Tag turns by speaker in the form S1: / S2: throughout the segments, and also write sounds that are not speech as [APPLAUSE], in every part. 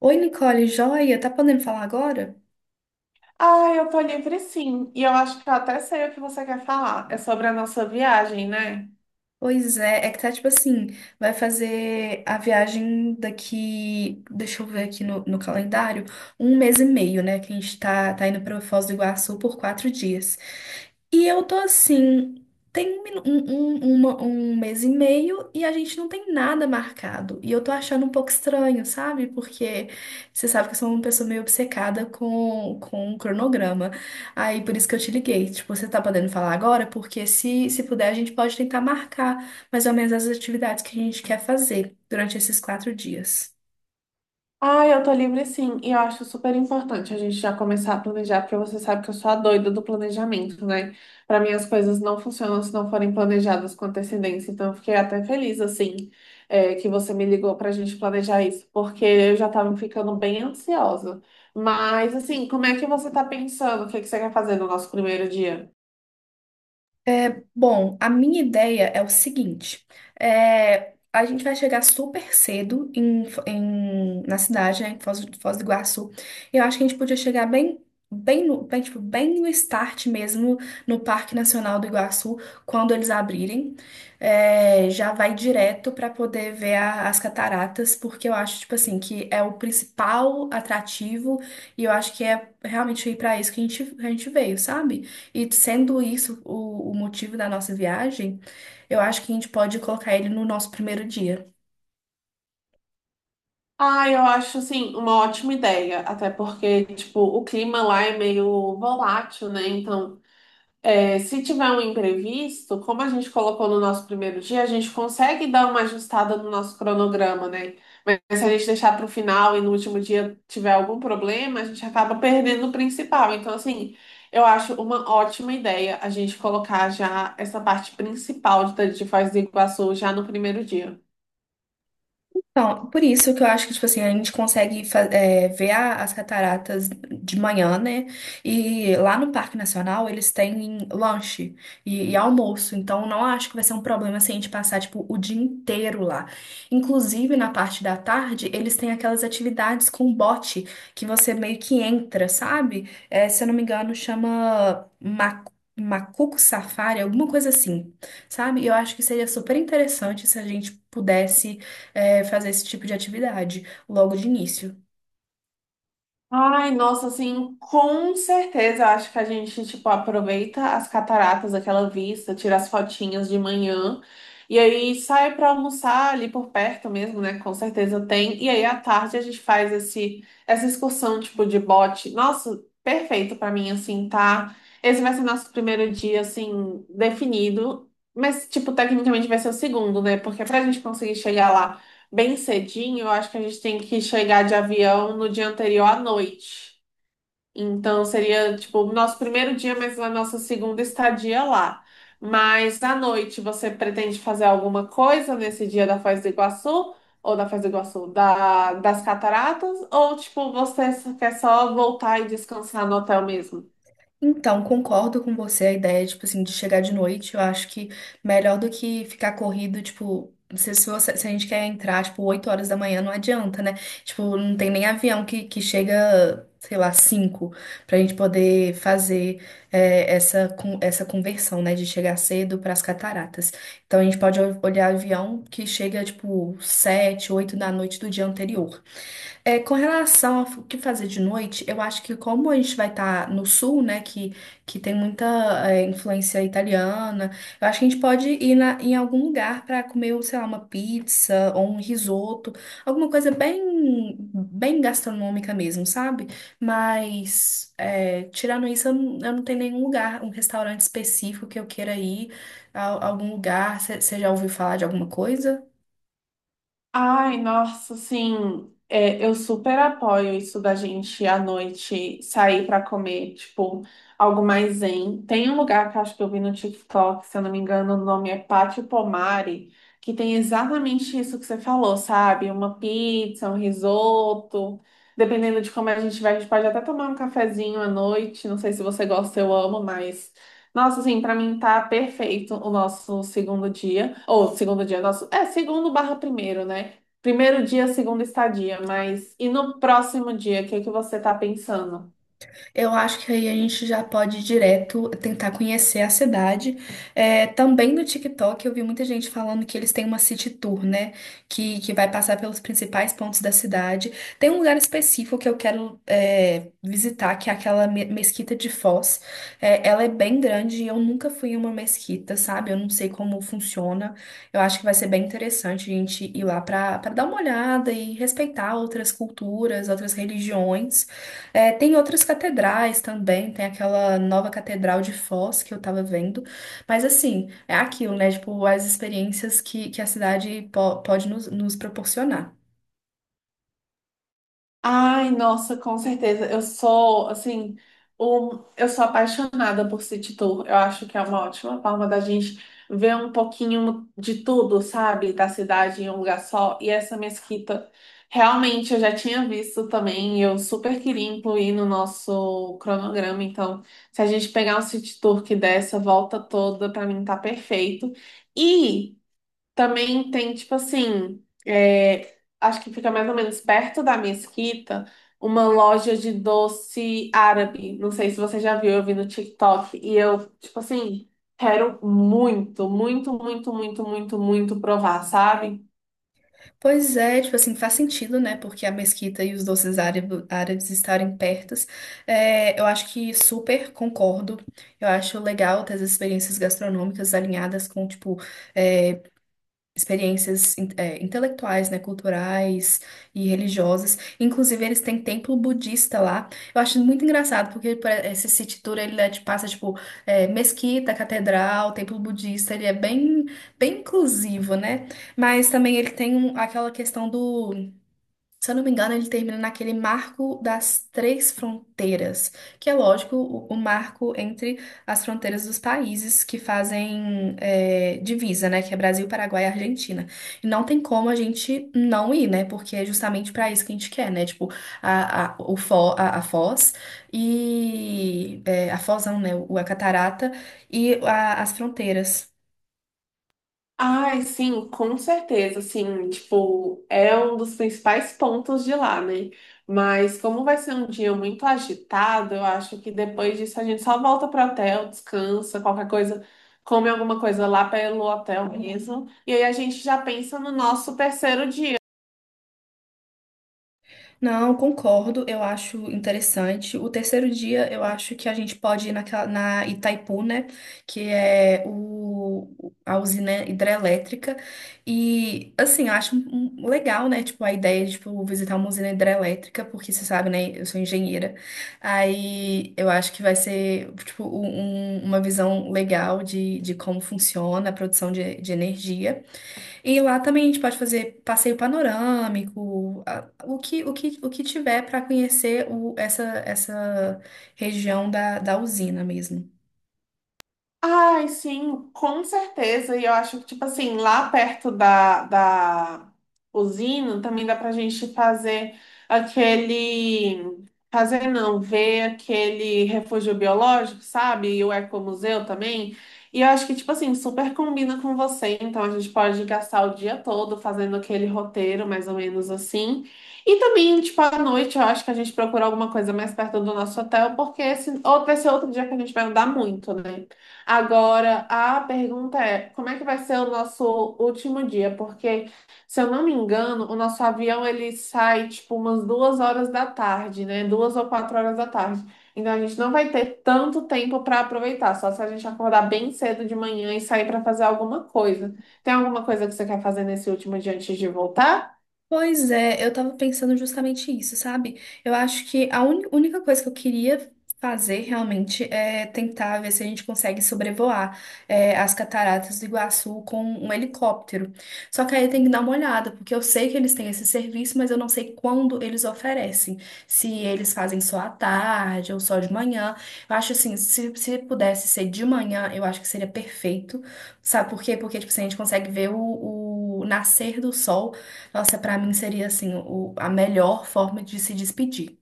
S1: Oi, Nicole, joia? Tá podendo falar agora?
S2: Ah, eu tô livre sim. E eu acho que eu até sei o que você quer falar. É sobre a nossa viagem, né?
S1: Pois é, é que tá tipo assim, vai fazer a viagem daqui, deixa eu ver aqui no calendário, um mês e meio, né? Que a gente tá indo pra Foz do Iguaçu por 4 dias. E eu tô assim, tem um, um mês e meio e a gente não tem nada marcado. E eu tô achando um pouco estranho, sabe? Porque você sabe que eu sou uma pessoa meio obcecada com o cronograma. Aí por isso que eu te liguei. Tipo, você tá podendo falar agora? Porque se puder, a gente pode tentar marcar mais ou menos as atividades que a gente quer fazer durante esses 4 dias.
S2: Ah, eu tô livre sim. E eu acho super importante a gente já começar a planejar, porque você sabe que eu sou a doida do planejamento, né? Pra mim as coisas não funcionam se não forem planejadas com antecedência. Então eu fiquei até feliz, assim, que você me ligou pra gente planejar isso, porque eu já tava ficando bem ansiosa. Mas, assim, como é que você tá pensando? O que que você quer fazer no nosso primeiro dia?
S1: Bom, a minha ideia é o seguinte: a gente vai chegar super cedo em, na cidade, né, em Foz, Foz do Iguaçu. Eu acho que a gente podia chegar bem, bem no start mesmo, no Parque Nacional do Iguaçu, quando eles abrirem. É, já vai direto para poder ver as cataratas, porque eu acho, tipo assim, que é o principal atrativo e eu acho que é realmente ir para isso que a gente veio, sabe? E sendo isso o motivo da nossa viagem, eu acho que a gente pode colocar ele no nosso primeiro dia.
S2: Ah, eu acho, assim, uma ótima ideia, até porque, tipo, o clima lá é meio volátil, né? Então, se tiver um imprevisto, como a gente colocou no nosso primeiro dia, a gente consegue dar uma ajustada no nosso cronograma, né? Mas se a gente deixar para o final e no último dia tiver algum problema, a gente acaba perdendo o principal. Então, assim, eu acho uma ótima ideia a gente colocar já essa parte principal de Foz do Iguaçu já no primeiro dia.
S1: Então, por isso que eu acho que, tipo assim, a gente consegue ver as cataratas de manhã, né? E lá no Parque Nacional eles têm lanche e almoço. Então, não acho que vai ser um problema se a gente passar, tipo, o dia inteiro lá. Inclusive, na parte da tarde, eles têm aquelas atividades com bote que você meio que entra, sabe? É, se eu não me engano, chama Macuco Safari, alguma coisa assim, sabe? E eu acho que seria super interessante se a gente pudesse fazer esse tipo de atividade logo de início.
S2: Ai, nossa, assim, com certeza. Acho que a gente, tipo, aproveita as cataratas, aquela vista, tira as fotinhas de manhã e aí sai pra almoçar ali por perto mesmo, né? Com certeza tem. E aí à tarde a gente faz essa excursão, tipo, de bote. Nossa, perfeito pra mim, assim, tá? Esse vai ser nosso primeiro dia, assim, definido. Mas, tipo, tecnicamente vai ser o segundo, né? Porque pra gente conseguir chegar lá, bem cedinho, eu acho que a gente tem que chegar de avião no dia anterior à noite. Então seria tipo o nosso primeiro dia, mas a nossa segunda estadia lá. Mas à noite você pretende fazer alguma coisa nesse dia da Foz do Iguaçu? Ou da Foz do Iguaçu, das cataratas? Ou tipo, você quer só voltar e descansar no hotel mesmo?
S1: Então, concordo com você a ideia, tipo assim, de chegar de noite. Eu acho que melhor do que ficar corrido, tipo, se a gente quer entrar, tipo, 8 horas da manhã, não adianta, né? Tipo, não tem nem avião que chega, sei lá, 5, pra gente poder fazer essa conversão, né? De chegar cedo pras cataratas. Então, a gente pode olhar avião que chega, tipo, 7 8 da noite do dia anterior. É, com relação ao que fazer de noite, eu acho que como a gente vai estar no sul, né, que tem muita influência italiana, eu acho que a gente pode ir em algum lugar para comer, sei lá, uma pizza ou um risoto, alguma coisa bem, bem gastronômica mesmo, sabe? Mas é, tirando isso, eu não tenho nenhum lugar, um restaurante específico que eu queira ir, algum lugar. Você já ouviu falar de alguma coisa?
S2: Ai, nossa, assim, eu super apoio isso da gente à noite sair pra comer, tipo, algo mais zen. Tem um lugar que eu acho que eu vi no TikTok, se eu não me engano, o nome é Pátio Pomari, que tem exatamente isso que você falou, sabe? Uma pizza, um risoto. Dependendo de como a gente vai, a gente pode até tomar um cafezinho à noite. Não sei se você gosta, eu amo, mas. Nossa, assim, pra mim tá perfeito o nosso segundo dia. Ou segundo dia, nosso. É, segundo barra primeiro, né? Primeiro dia, segunda estadia. Mas e no próximo dia, o que que você tá pensando?
S1: Eu acho que aí a gente já pode ir direto tentar conhecer a cidade. É, também no TikTok eu vi muita gente falando que eles têm uma city tour, né? Que vai passar pelos principais pontos da cidade. Tem um lugar específico que eu quero visitar, que é aquela mesquita de Foz. É, ela é bem grande e eu nunca fui em uma mesquita, sabe? Eu não sei como funciona. Eu acho que vai ser bem interessante a gente ir lá para dar uma olhada e respeitar outras culturas, outras religiões. É, tem outras catedrais também, tem aquela nova catedral de Foz que eu tava vendo, mas assim, é aquilo, né? Tipo, as experiências que a cidade pode nos proporcionar.
S2: Ai, nossa, com certeza. Eu sou, assim, um, eu sou apaixonada por City Tour. Eu acho que é uma ótima forma da gente ver um pouquinho de tudo, sabe? Da cidade em um lugar só. E essa mesquita, realmente, eu já tinha visto também, e eu super queria incluir no nosso cronograma. Então, se a gente pegar um City Tour que dê essa volta toda, pra mim tá perfeito. E também tem, tipo assim, é, acho que fica mais ou menos perto da Mesquita, uma loja de doce árabe. Não sei se você já viu, eu vi no TikTok. E eu, tipo assim, quero muito, muito, muito, muito, muito, muito provar, sabe?
S1: Pois é, tipo assim, faz sentido, né? Porque a mesquita e os doces árabes estarem pertos. É, eu acho que super concordo. Eu acho legal ter as experiências gastronômicas alinhadas com, tipo, é, experiências intelectuais, né, culturais e religiosas. Inclusive, eles têm templo budista lá. Eu acho muito engraçado, porque por esse city tour, ele né, te passa, tipo, mesquita, catedral, templo budista, ele é bem, bem inclusivo, né? Mas também ele tem aquela questão do se eu não me engano, ele termina naquele marco das 3 fronteiras, que é lógico o marco entre as fronteiras dos países que fazem divisa, né? Que é Brasil, Paraguai e Argentina. E não tem como a gente não ir, né? Porque é justamente para isso que a gente quer, né? Tipo, a Foz e é, a Foz, não, né? O, a Catarata e as fronteiras.
S2: Ai, sim, com certeza, assim, tipo, é um dos principais pontos de lá, né? Mas como vai ser um dia muito agitado, eu acho que depois disso a gente só volta pro hotel, descansa, qualquer coisa, come alguma coisa lá pelo hotel mesmo. E aí a gente já pensa no nosso terceiro dia.
S1: Não, concordo, eu acho interessante. O terceiro dia, eu acho que a gente pode ir naquela, na Itaipu, né? Que é a usina hidrelétrica. E, assim, eu acho legal, né? Tipo, a ideia de, tipo, visitar uma usina hidrelétrica, porque você sabe, né? Eu sou engenheira. Aí, eu acho que vai ser, tipo, uma visão legal de como funciona a produção de energia. E lá também a gente pode fazer passeio panorâmico, o que tiver para conhecer essa região da usina mesmo.
S2: Ai, sim, com certeza. E eu acho que, tipo assim, lá perto da usina também dá pra gente fazer aquele. Fazer não, ver aquele refúgio biológico, sabe? E o ecomuseu também. E eu acho que, tipo assim, super combina com você. Então a gente pode gastar o dia todo fazendo aquele roteiro, mais ou menos assim. E também, tipo, à noite, eu acho que a gente procura alguma coisa mais perto do nosso hotel, porque esse outro dia que a gente vai andar muito, né? Agora, a pergunta é, como é que vai ser o nosso último dia? Porque, se eu não me engano, o nosso avião ele sai tipo umas 14 horas da tarde, né? Duas ou 16 horas da tarde. Então a gente não vai ter tanto tempo para aproveitar, só se a gente acordar bem cedo de manhã e sair para fazer alguma coisa. Tem alguma coisa que você quer fazer nesse último dia antes de voltar?
S1: Pois é, eu tava pensando justamente isso, sabe? Eu acho que a única coisa que eu queria fazer realmente é tentar ver se a gente consegue sobrevoar as cataratas do Iguaçu com um helicóptero. Só que aí tem que dar uma olhada, porque eu sei que eles têm esse serviço, mas eu não sei quando eles oferecem. Se eles fazem só à tarde ou só de manhã. Eu acho assim, se pudesse ser de manhã, eu acho que seria perfeito. Sabe por quê? Porque, tipo, assim, a gente consegue ver o nascer do sol. Nossa, pra mim seria assim, a melhor forma de se despedir.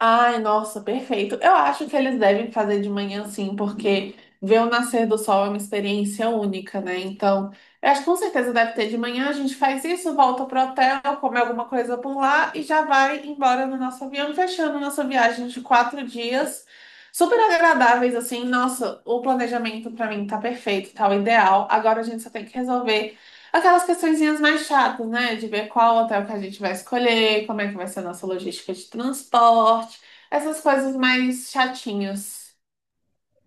S2: Ai, nossa, perfeito. Eu acho que eles devem fazer de manhã sim, porque ver o nascer do sol é uma experiência única, né? Então, eu acho que com certeza deve ter de manhã. A gente faz isso, volta pro hotel, come alguma coisa por lá e já vai embora no nosso avião, fechando nossa viagem de 4 dias. Super agradáveis, assim. Nossa, o planejamento pra mim tá perfeito, tá o ideal. Agora a gente só tem que resolver. Aquelas questõezinhas mais chatas, né? De ver qual hotel que a gente vai escolher, como é que vai ser a nossa logística de transporte, essas coisas mais chatinhas.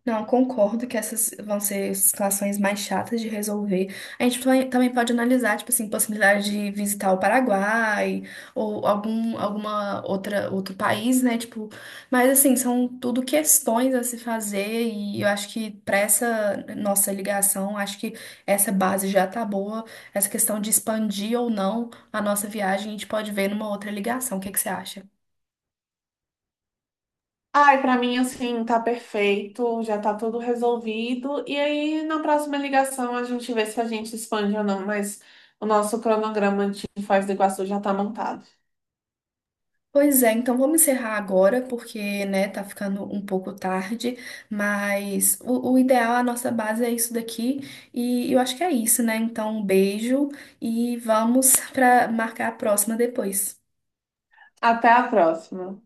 S1: Não, concordo que essas vão ser situações mais chatas de resolver. A gente também pode analisar, tipo assim, possibilidade de visitar o Paraguai ou alguma outra outro país, né? Tipo, mas assim, são tudo questões a se fazer e eu acho que para essa nossa ligação, acho que essa base já tá boa. Essa questão de expandir ou não a nossa viagem, a gente pode ver numa outra ligação. O que que você acha?
S2: Ai, pra mim, assim, tá perfeito, já tá tudo resolvido. E aí, na próxima ligação, a gente vê se a gente expande ou não, mas o nosso cronograma de Foz do Iguaçu já tá montado.
S1: Pois é, então vamos encerrar agora, porque, né, tá ficando um pouco tarde, mas o ideal, a nossa base é isso daqui, e eu acho que é isso, né? Então, um beijo e vamos [LAUGHS] para marcar a próxima depois.
S2: Até a próxima.